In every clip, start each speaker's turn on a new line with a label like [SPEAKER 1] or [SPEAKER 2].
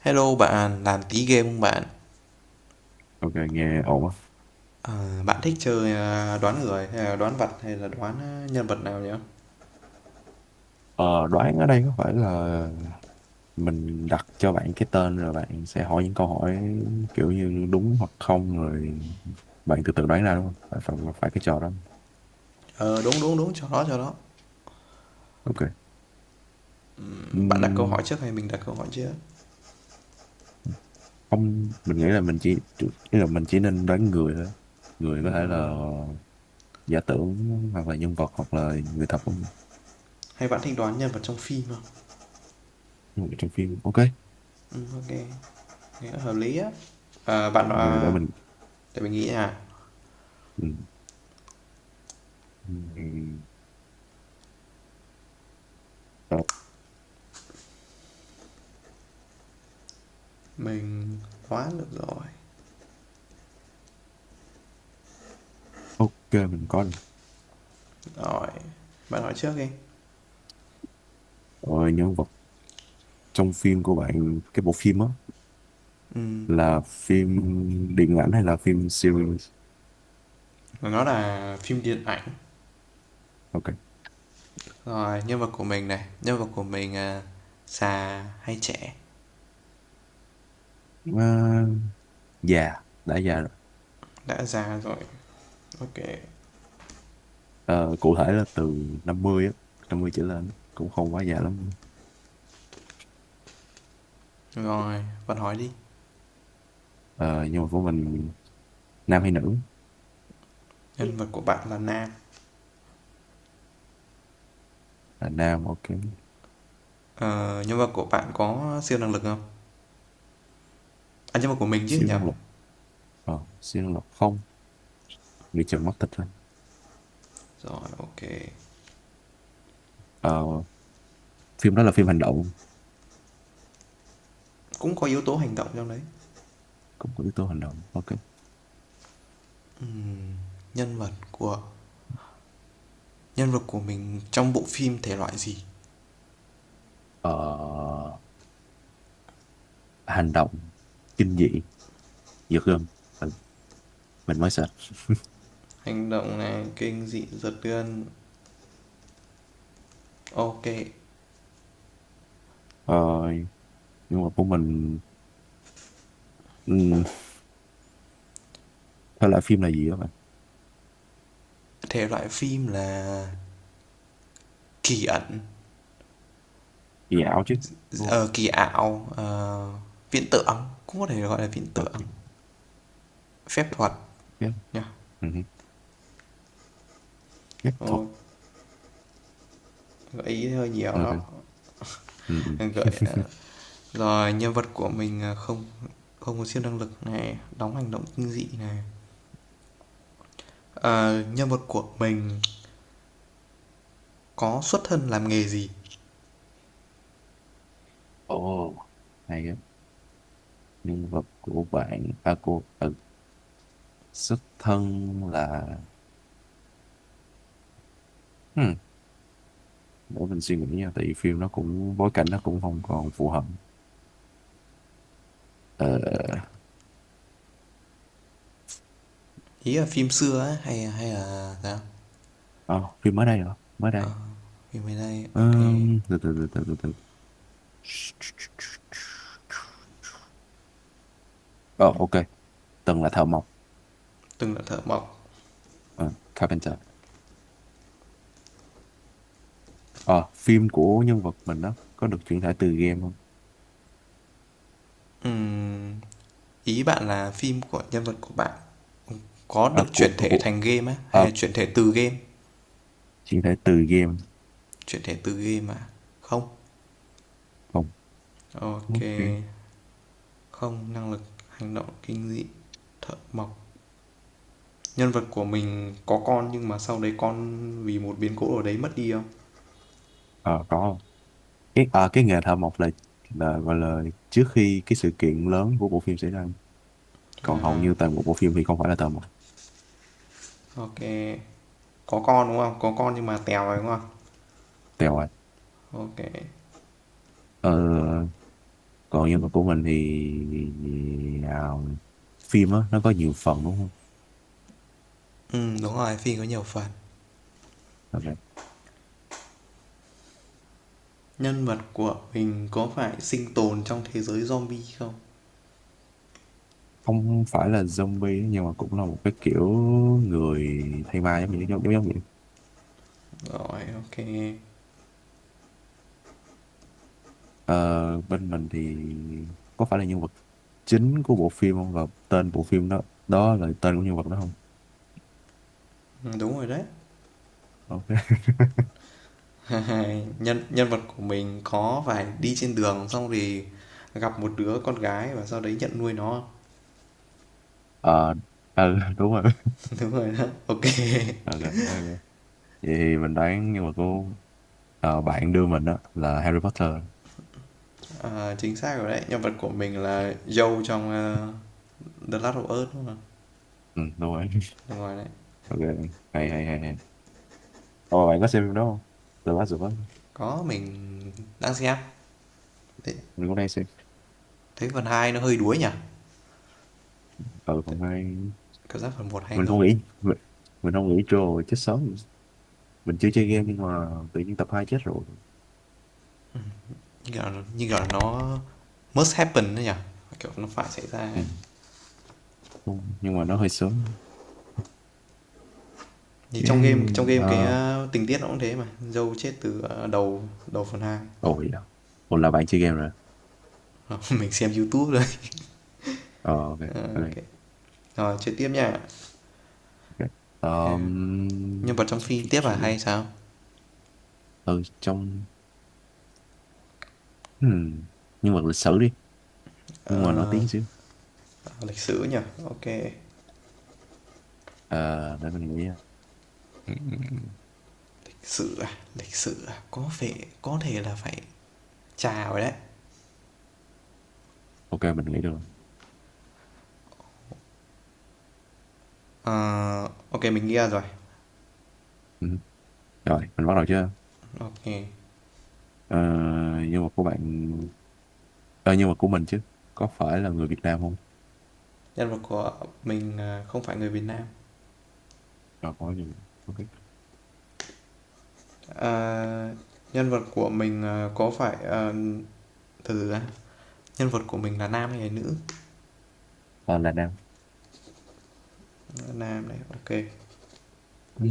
[SPEAKER 1] Hello bạn, làm tí game không bạn?
[SPEAKER 2] Ok, nghe ổn á.
[SPEAKER 1] Ờ, bạn thích chơi à, đoán người hay là đoán vật hay là nhân vật nào nhỉ?
[SPEAKER 2] Ờ, đoán ở đây có phải là mình đặt cho bạn cái tên rồi bạn sẽ hỏi những câu hỏi kiểu như đúng hoặc không rồi bạn tự tự đoán ra đúng không? Phải, phải, phải cái trò đó.
[SPEAKER 1] Ờ đúng đúng đúng, cho đó cho đó.
[SPEAKER 2] Ok.
[SPEAKER 1] Bạn đặt câu
[SPEAKER 2] Ừm,
[SPEAKER 1] hỏi trước hay mình đặt câu hỏi trước?
[SPEAKER 2] Không, mình nghĩ là mình chỉ ý là mình chỉ nên đoán người thôi. Người có thể là giả tưởng hoặc là nhân vật hoặc là người thật của mình.
[SPEAKER 1] Hay bạn thích đoán nhân vật trong phim không?
[SPEAKER 2] Nhân vật trong phim. Ok.
[SPEAKER 1] Ừ, ok, nghe hợp lý á. Bạn
[SPEAKER 2] Rồi để
[SPEAKER 1] à,
[SPEAKER 2] mình
[SPEAKER 1] để mình nghĩ à.
[SPEAKER 2] ừm, ừm, ờ,
[SPEAKER 1] Mình đoán được rồi.
[SPEAKER 2] ok mình có rồi.
[SPEAKER 1] Rồi, bạn hỏi trước đi.
[SPEAKER 2] Rồi nhân vật trong phim của bạn cái bộ phim á
[SPEAKER 1] Ừm,
[SPEAKER 2] là phim điện ảnh hay là phim series.
[SPEAKER 1] nó là phim điện ảnh.
[SPEAKER 2] Ok.
[SPEAKER 1] Rồi, nhân vật của mình à, già hay trẻ?
[SPEAKER 2] À, già đã già rồi.
[SPEAKER 1] Đã già rồi. Ok.
[SPEAKER 2] Ờ, cụ thể là từ 50 á, 50 trở lên á, cũng không quá già lắm.
[SPEAKER 1] Rồi, bạn hỏi đi.
[SPEAKER 2] Ờ, nhưng mà của mình nam hay nữ.
[SPEAKER 1] Nhân vật của bạn là nam.
[SPEAKER 2] Là nam, ok.
[SPEAKER 1] Ờ, nhân vật của bạn có siêu năng lực không? À, nhân vật của mình chứ
[SPEAKER 2] Siêu
[SPEAKER 1] nhầm.
[SPEAKER 2] năng lực, ờ, siêu năng lực không, người chồng mắt thịt thôi.
[SPEAKER 1] Rồi, ok.
[SPEAKER 2] Ờ, phim đó là phim hành động,
[SPEAKER 1] Cũng có yếu tố hành động trong đấy.
[SPEAKER 2] cũng có yếu tố hành động, ok.
[SPEAKER 1] Ừm, nhân vật của nhân vật của mình trong bộ phim thể loại gì?
[SPEAKER 2] Ờ, hành động kinh dị giật gân, mình, mình mới sợ.
[SPEAKER 1] Hành động này, kinh dị, giật gân. Ok.
[SPEAKER 2] Ờ, nhưng mà của mình, ừ, thể loại phim là gì đó.
[SPEAKER 1] Thể loại phim là kỳ ẩn,
[SPEAKER 2] Dạo chứ, đúng,
[SPEAKER 1] ờ, kỳ ảo, viễn tưởng. Cũng có thể gọi là viễn tưởng,
[SPEAKER 2] ok,
[SPEAKER 1] phép thuật
[SPEAKER 2] tiếp,
[SPEAKER 1] nha.
[SPEAKER 2] ừ. Phép thuật,
[SPEAKER 1] Ồ, gợi ý hơi nhiều đó.
[SPEAKER 2] ok, ừ, ừ.
[SPEAKER 1] Gợi rồi nhân vật của mình à, không không có siêu năng lực này, đóng hành động kinh dị này. Ờ, nhân vật của mình có xuất thân làm nghề gì?
[SPEAKER 2] Ồ, hay á. Nhân vật của bạn à của, ừ, xuất thân là, ừ, để mình suy nghĩ nha tại vì phim nó cũng bối cảnh nó cũng không còn phù hợp, ờ.
[SPEAKER 1] Ý là phim xưa á hay hay là sao?
[SPEAKER 2] À, phim mới đây hả, mới đây.
[SPEAKER 1] Ờ, phim mới đây, ok.
[SPEAKER 2] Từ từ từ từ từ từ ờ ok, từng là thợ mộc.
[SPEAKER 1] Từng là thợ mộc.
[SPEAKER 2] Ờ, carpenter. Ờ, phim của nhân vật mình đó có được chuyển thể từ game không?
[SPEAKER 1] Ừ, ý bạn là phim của nhân vật của bạn có
[SPEAKER 2] à,
[SPEAKER 1] được
[SPEAKER 2] của
[SPEAKER 1] chuyển thể
[SPEAKER 2] của
[SPEAKER 1] thành game á hay
[SPEAKER 2] à,
[SPEAKER 1] là chuyển thể từ game?
[SPEAKER 2] chuyển thể từ game
[SPEAKER 1] Chuyển thể từ game à? Không,
[SPEAKER 2] không,
[SPEAKER 1] ok.
[SPEAKER 2] ok.
[SPEAKER 1] Không năng lực, hành động kinh dị, thợ mộc. Nhân vật của mình có con nhưng mà sau đấy con vì một biến cố ở đấy mất đi không?
[SPEAKER 2] Ờ, có không? Cái à, cái nghề thợ mộc là gọi là trước khi cái sự kiện lớn của bộ phim xảy ra, còn hầu
[SPEAKER 1] À,
[SPEAKER 2] như toàn bộ bộ phim thì không phải là thợ mộc.
[SPEAKER 1] ok. Có con đúng không? Có con nhưng mà tèo rồi đúng không?
[SPEAKER 2] Tèo à.
[SPEAKER 1] Ok.
[SPEAKER 2] Ờ, còn nhân vật của mình thì, à, phim á nó có nhiều phần đúng không.
[SPEAKER 1] Ừ, đúng rồi, phim có nhiều phần.
[SPEAKER 2] Ok.
[SPEAKER 1] Nhân vật của mình có phải sinh tồn trong thế giới zombie không?
[SPEAKER 2] Không phải là zombie nhưng mà cũng là một cái kiểu người thay ma giống như giống giống giống vậy.
[SPEAKER 1] Rồi, ok.
[SPEAKER 2] Ờ, bên mình thì có phải là nhân vật chính của bộ phim không và tên bộ phim đó đó là tên của nhân vật đó không?
[SPEAKER 1] Ừ, đúng rồi đấy.
[SPEAKER 2] Ok.
[SPEAKER 1] nhân nhân vật của mình có phải đi trên đường xong thì gặp một đứa con gái và sau đấy nhận nuôi nó?
[SPEAKER 2] Ờ, ừ, đúng rồi.
[SPEAKER 1] đúng rồi đó, ok.
[SPEAKER 2] Ờ, ờ, ờ. Vậy thì mình đoán nhưng mà cô, ờ, bạn đưa mình á là Harry Potter.
[SPEAKER 1] À, chính xác rồi đấy, nhân vật của mình là Joe trong The Last of Us đúng không?
[SPEAKER 2] Ừ, đúng rồi.
[SPEAKER 1] Đúng rồi đấy.
[SPEAKER 2] Ok, hay hay hay hay. Ồ, bạn có xem phim đó không? The Last of Us.
[SPEAKER 1] Có, mình đang xem. Thế,
[SPEAKER 2] Mình cũng đang xem.
[SPEAKER 1] phần 2 nó hơi đuối nhỉ?
[SPEAKER 2] Ở
[SPEAKER 1] Thế-
[SPEAKER 2] phần 2.
[SPEAKER 1] Cảm giác phần một hay
[SPEAKER 2] Mình không
[SPEAKER 1] hơn.
[SPEAKER 2] nghĩ, mình, mình không nghĩ rồi chết sớm. Mình chưa chơi game nhưng mà tự nhiên tập 2 chết rồi.
[SPEAKER 1] Như kiểu là, nó must happen đấy nhỉ? Kiểu nó phải xảy ra.
[SPEAKER 2] Ừ,
[SPEAKER 1] Thì
[SPEAKER 2] đúng. Nhưng mà nó hơi sớm. Chứ,
[SPEAKER 1] trong game
[SPEAKER 2] ờ,
[SPEAKER 1] tình tiết nó cũng thế mà. Dâu chết từ đầu đầu phần hai.
[SPEAKER 2] ồ, vậy đó. Ồ, là bạn chơi game rồi.
[SPEAKER 1] mình xem YouTube rồi.
[SPEAKER 2] Ờ, ok, ok.
[SPEAKER 1] Ok. Rồi chơi tiếp nha.
[SPEAKER 2] Ok.
[SPEAKER 1] Ờ, Nhân vật
[SPEAKER 2] Ờm,
[SPEAKER 1] trong phim tiếp à hay sao?
[SPEAKER 2] ừ, trong hmm, nhưng mà lịch sử đi, nhưng mà nổi
[SPEAKER 1] Ờ,
[SPEAKER 2] tiếng xíu.
[SPEAKER 1] lịch sử nhỉ? Ok.
[SPEAKER 2] Ờ, để mình nghĩ. Ừ, ừ, ừ.
[SPEAKER 1] Lịch sử à? Lịch sử à? Có thể là phải trà rồi đấy.
[SPEAKER 2] Ok mình nghĩ được rồi.
[SPEAKER 1] Ờ, OK, mình nghĩ ra rồi.
[SPEAKER 2] Ừ. Rồi mình bắt đầu chưa.
[SPEAKER 1] OK,
[SPEAKER 2] Ờ, nhưng mà của bạn, ờ, nhưng mà của mình chứ, có phải là người Việt Nam không?
[SPEAKER 1] nhân vật của mình, không phải người Việt Nam.
[SPEAKER 2] Ờ, có gì, ok.
[SPEAKER 1] Ờ, nhân vật của mình, có phải, từ từ, nhân vật của mình là nam hay là nữ?
[SPEAKER 2] Ờ, là Nam.
[SPEAKER 1] Nam này, OK,
[SPEAKER 2] Ừ.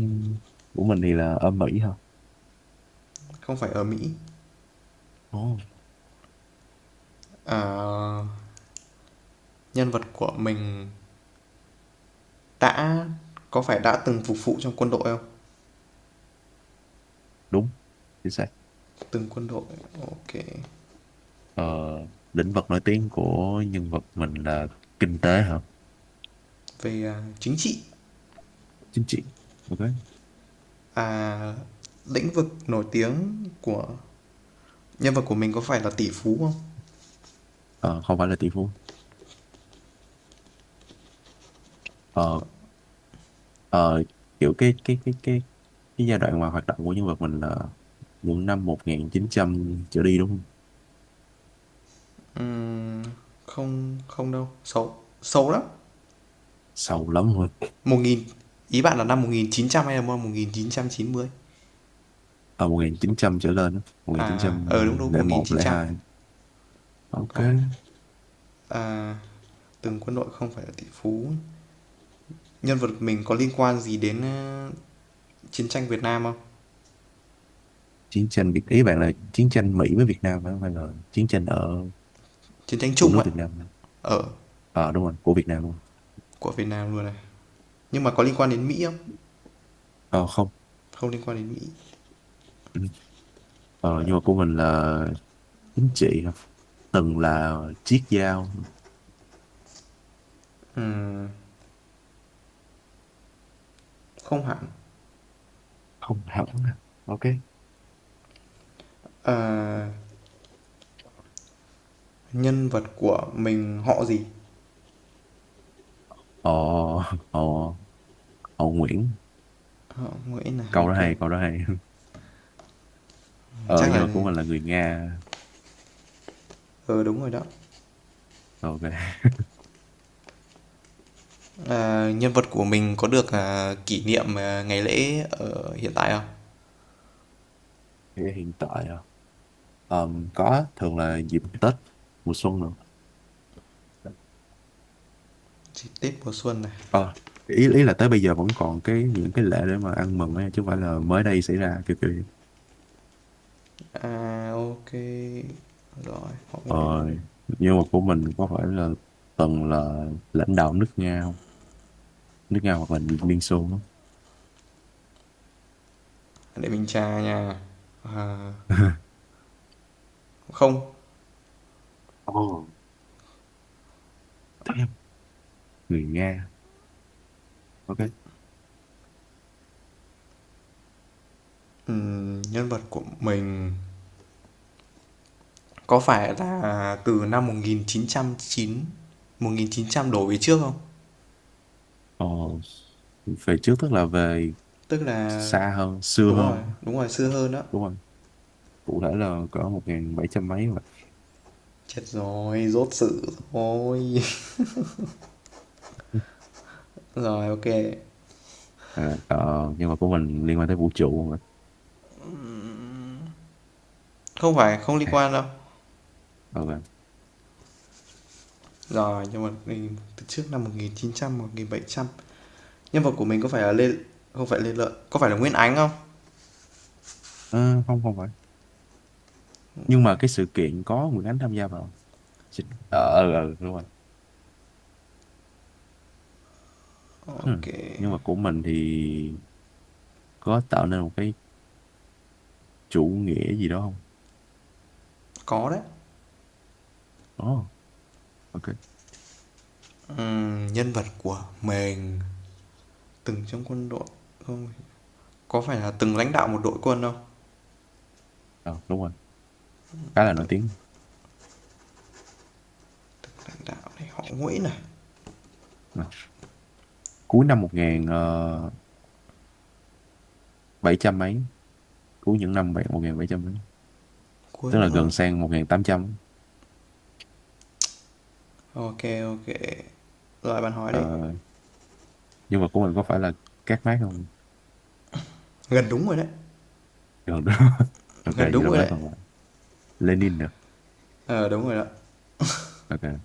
[SPEAKER 2] Của mình thì là ở Mỹ hả.
[SPEAKER 1] không phải ở Mỹ.
[SPEAKER 2] Ồ,
[SPEAKER 1] Ờ, nhân vật của mình đã có phải đã từng phục vụ trong quân đội không?
[SPEAKER 2] đúng chính xác.
[SPEAKER 1] Từng quân đội, OK.
[SPEAKER 2] Ờ, lĩnh vực nổi tiếng của nhân vật mình là kinh tế hả.
[SPEAKER 1] Chính trị,
[SPEAKER 2] Chính trị, ok.
[SPEAKER 1] à, lĩnh vực nổi tiếng của nhân vật của mình có phải là tỷ phú không?
[SPEAKER 2] Ờ, không phải là tỷ phú. Ờ, ờ, kiểu cái giai đoạn mà hoạt động của nhân vật mình là những năm 1900 trở đi đúng không?
[SPEAKER 1] Không, không đâu, xấu, xấu lắm.
[SPEAKER 2] Sâu lắm luôn.
[SPEAKER 1] Một nghìn. Ý bạn là năm 1900 hay là 50?
[SPEAKER 2] Ở 1900 trở lên á. một nghìn chín
[SPEAKER 1] À,
[SPEAKER 2] trăm
[SPEAKER 1] đúng đúng, một
[SPEAKER 2] lẻ
[SPEAKER 1] nghìn
[SPEAKER 2] một,
[SPEAKER 1] chín
[SPEAKER 2] lẻ
[SPEAKER 1] trăm
[SPEAKER 2] hai, ok.
[SPEAKER 1] Có, à từng quân đội, không phải là tỷ phú. Nhân vật mình có liên quan gì đến chiến tranh Việt Nam không?
[SPEAKER 2] Chiến tranh Việt, ý bạn là chiến tranh Mỹ với Việt Nam phải không hay là chiến tranh ở
[SPEAKER 1] Chiến tranh
[SPEAKER 2] của
[SPEAKER 1] chung
[SPEAKER 2] nước
[SPEAKER 1] ấy,
[SPEAKER 2] Việt Nam.
[SPEAKER 1] ở
[SPEAKER 2] Ờ, đúng rồi, của Việt Nam luôn.
[SPEAKER 1] của Việt Nam luôn này. Nhưng mà có liên quan đến Mỹ không?
[SPEAKER 2] Ờ, không.
[SPEAKER 1] Không liên quan đến Mỹ.
[SPEAKER 2] Ừ. Ờ, nhưng mà của mình là chính trị hả? Từng là chiếc dao.
[SPEAKER 1] Không hẳn.
[SPEAKER 2] Không hẳn, ok.
[SPEAKER 1] À, nhân vật của mình họ gì?
[SPEAKER 2] ờ ờ ờ Nguyễn.
[SPEAKER 1] Họ Nguyễn này,
[SPEAKER 2] Câu đó
[SPEAKER 1] ok.
[SPEAKER 2] hay, câu đó hay. Ờ,
[SPEAKER 1] Chắc
[SPEAKER 2] nhưng
[SPEAKER 1] là
[SPEAKER 2] mà của mình là người Nga.
[SPEAKER 1] ờ ừ, đúng rồi đó.
[SPEAKER 2] Ok.
[SPEAKER 1] Ờ, nhân vật của mình có được kỷ niệm ngày lễ ở hiện tại không?
[SPEAKER 2] Thì hiện tại à, có thường là dịp Tết mùa xuân nữa.
[SPEAKER 1] Dịp Tết mùa xuân này.
[SPEAKER 2] Ờ, ý ý là tới bây giờ vẫn còn cái những cái lễ để mà ăn mừng ấy, chứ không phải là mới đây xảy ra kiểu kiểu vậy.
[SPEAKER 1] À, ok. Rồi, họ
[SPEAKER 2] Ờ,
[SPEAKER 1] Nguyễn, ok.
[SPEAKER 2] nhưng mà của mình có phải là từng là lãnh đạo nước Nga không, nước Nga hoặc là Liên Xô không?
[SPEAKER 1] Để mình tra nha. À, không.
[SPEAKER 2] Ồ, damn, người Nga, ok.
[SPEAKER 1] Nhân vật của mình có phải là từ năm một một nghìn nghìn chín trăm đổ về trước không?
[SPEAKER 2] Ồ, về trước tức là về
[SPEAKER 1] Tức là
[SPEAKER 2] xa hơn, xưa hơn
[SPEAKER 1] đúng rồi xưa hơn đó.
[SPEAKER 2] đúng không? Cụ thể là cỡ 1700 mấy mà.
[SPEAKER 1] Chết rồi, rốt sự rồi. Rồi, ok.
[SPEAKER 2] Ờ, ờ, nhưng mà của mình liên quan tới vũ trụ mà.
[SPEAKER 1] Không phải, không liên
[SPEAKER 2] À,
[SPEAKER 1] quan đâu.
[SPEAKER 2] ờ vâng.
[SPEAKER 1] Rồi, nhưng mà mình từ trước năm một một nghìn nghìn chín trăm 1700. Nhân vật của mình có phải là Lê, không phải Lê Lợi, có phải là Nguyễn Ánh không?
[SPEAKER 2] Ờ, không không phải, nhưng mà cái sự kiện có Nguyễn Ánh tham gia vào. Chị-, đúng rồi. Hmm.
[SPEAKER 1] OK,
[SPEAKER 2] Nhưng mà của mình thì có tạo nên một cái chủ nghĩa gì đó không?
[SPEAKER 1] có đấy.
[SPEAKER 2] Ồ, ok.
[SPEAKER 1] Nhân vật của mình từng trong quân đội không? Có phải là từng lãnh đạo một đội quân không?
[SPEAKER 2] Ờ, đúng rồi, khá là nổi
[SPEAKER 1] Từng,
[SPEAKER 2] tiếng.
[SPEAKER 1] từng lãnh đạo này, họ Nguyễn này,
[SPEAKER 2] Ờ. Cuối năm 1700 mấy, cuối những năm 1700 mấy,
[SPEAKER 1] cuối
[SPEAKER 2] tức là
[SPEAKER 1] những là
[SPEAKER 2] gần sang 1800.
[SPEAKER 1] OK, OK. Rồi bạn hỏi
[SPEAKER 2] Ờ,
[SPEAKER 1] đi.
[SPEAKER 2] nhưng mà của mình có phải là Các Mác không?
[SPEAKER 1] Gần đúng rồi đấy,
[SPEAKER 2] Gần đó, ok
[SPEAKER 1] gần
[SPEAKER 2] vậy
[SPEAKER 1] đúng
[SPEAKER 2] là
[SPEAKER 1] rồi
[SPEAKER 2] với
[SPEAKER 1] đấy.
[SPEAKER 2] còn lại Lenin được,
[SPEAKER 1] Ờ à, đúng rồi đó.
[SPEAKER 2] ok.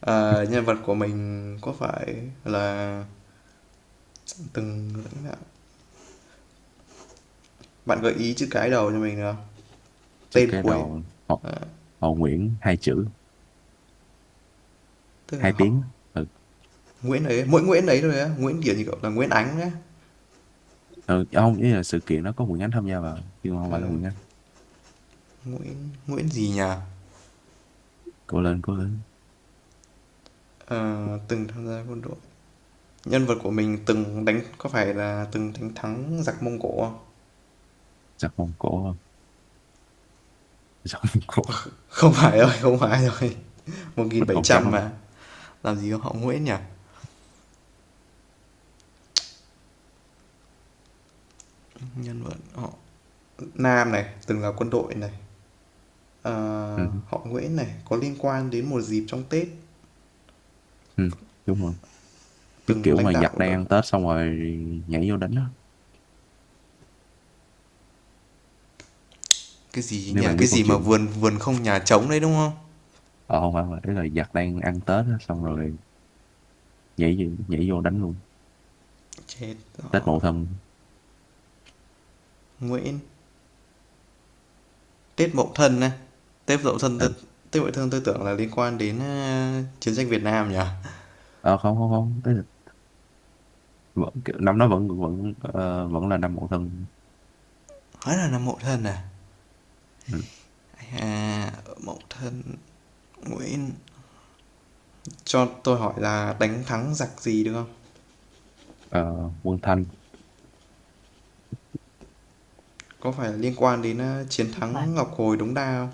[SPEAKER 1] Ờ, nhân vật của mình có phải là từng lãnh đạo. Bạn gợi ý chữ cái đầu cho mình được không?
[SPEAKER 2] Chữ
[SPEAKER 1] Tên
[SPEAKER 2] cái
[SPEAKER 1] cuối,
[SPEAKER 2] đầu. Họ, họ Nguyễn, hai chữ,
[SPEAKER 1] tức là
[SPEAKER 2] hai
[SPEAKER 1] họ
[SPEAKER 2] tiếng, ừ.
[SPEAKER 1] Nguyễn ấy, mỗi Nguyễn ấy thôi á, Nguyễn kiểu như cậu là Nguyễn Ánh đấy.
[SPEAKER 2] Ừ, ông ý là sự kiện nó có Nguyễn Ánh tham gia vào chứ không
[SPEAKER 1] Ờ,
[SPEAKER 2] phải là Nguyễn Ánh.
[SPEAKER 1] Nguyễn Nguyễn gì nhỉ?
[SPEAKER 2] Cố lên cố lên.
[SPEAKER 1] Ờ, từng tham gia quân đội. Nhân vật của mình từng đánh có phải là từng đánh thắng giặc Mông Cổ không?
[SPEAKER 2] Giặt Mông Cổ không, giặt Mông Cổ.
[SPEAKER 1] Không phải rồi, không phải rồi. một nghìn
[SPEAKER 2] Mình
[SPEAKER 1] bảy
[SPEAKER 2] còn chắc
[SPEAKER 1] trăm
[SPEAKER 2] luôn.
[SPEAKER 1] mà. Làm gì có họ Nguyễn nhỉ? Nhân vật họ Nam này, từng là quân đội này. Ờ,
[SPEAKER 2] Ừ,
[SPEAKER 1] họ Nguyễn này có liên quan đến một dịp trong Tết,
[SPEAKER 2] ừ, đúng rồi. Cái
[SPEAKER 1] từng
[SPEAKER 2] kiểu
[SPEAKER 1] lãnh
[SPEAKER 2] mà
[SPEAKER 1] đạo
[SPEAKER 2] giặt đang
[SPEAKER 1] đội.
[SPEAKER 2] ăn Tết xong rồi nhảy vô đánh á.
[SPEAKER 1] Cái gì
[SPEAKER 2] Nếu
[SPEAKER 1] nhỉ?
[SPEAKER 2] bạn biết
[SPEAKER 1] Cái
[SPEAKER 2] câu
[SPEAKER 1] gì mà
[SPEAKER 2] chuyện,
[SPEAKER 1] vườn vườn không nhà trống đấy đúng không?
[SPEAKER 2] ờ không phải, mà ý là giặt đang ăn Tết á xong rồi nhảy vô đánh luôn.
[SPEAKER 1] Chết
[SPEAKER 2] Tết
[SPEAKER 1] họ
[SPEAKER 2] Mậu Thân.
[SPEAKER 1] Nguyễn. Tiết Mậu Thân này, Tiết Mậu Thân tôi.
[SPEAKER 2] Ừ.
[SPEAKER 1] Tiết Mậu Thân tôi tưởng là liên quan đến chiến tranh Việt Nam nhỉ?
[SPEAKER 2] Ờ, không không không, ý là vẫn, năm đó vẫn vẫn ờ, vẫn là năm Mậu Thân.
[SPEAKER 1] Hóa là Mậu Thân à?
[SPEAKER 2] Ừ.
[SPEAKER 1] À, Mậu Thân Nguyễn, cho tôi hỏi là đánh thắng giặc gì được không?
[SPEAKER 2] Ờ, Quân Thanh.
[SPEAKER 1] Có phải liên quan đến chiến
[SPEAKER 2] Lúc này,
[SPEAKER 1] thắng Ngọc Hồi Đống Đa không?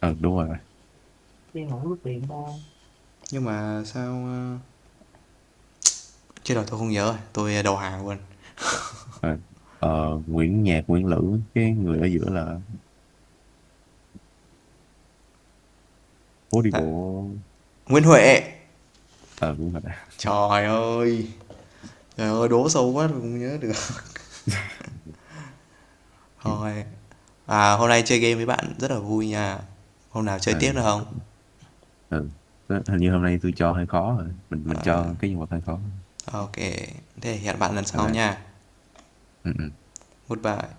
[SPEAKER 2] ừ, đúng rồi.
[SPEAKER 1] Nhưng mà sao chết rồi tôi không nhớ rồi, tôi đầu hàng luôn.
[SPEAKER 2] À, ờ, Nguyễn Nhạc Nguyễn Lữ, cái người ở giữa là phố đi
[SPEAKER 1] Dạ.
[SPEAKER 2] bộ.
[SPEAKER 1] Nguyễn Huệ.
[SPEAKER 2] Ờ, đúng rồi đã.
[SPEAKER 1] Trời ơi. Trời ơi đố sâu quá tôi không nhớ được.
[SPEAKER 2] Chịu.
[SPEAKER 1] Thôi, hôm nay chơi game với bạn rất là vui nha. Hôm nào chơi
[SPEAKER 2] Ờ,
[SPEAKER 1] tiếp được
[SPEAKER 2] ừ,
[SPEAKER 1] không?
[SPEAKER 2] ờ. Đó, hình như hôm nay tôi cho hơi khó rồi, mình cho cái nhân vật hơi khó.
[SPEAKER 1] Ok, thế hẹn bạn lần
[SPEAKER 2] Ờ,
[SPEAKER 1] sau nha.
[SPEAKER 2] ừ, ừ.
[SPEAKER 1] Goodbye.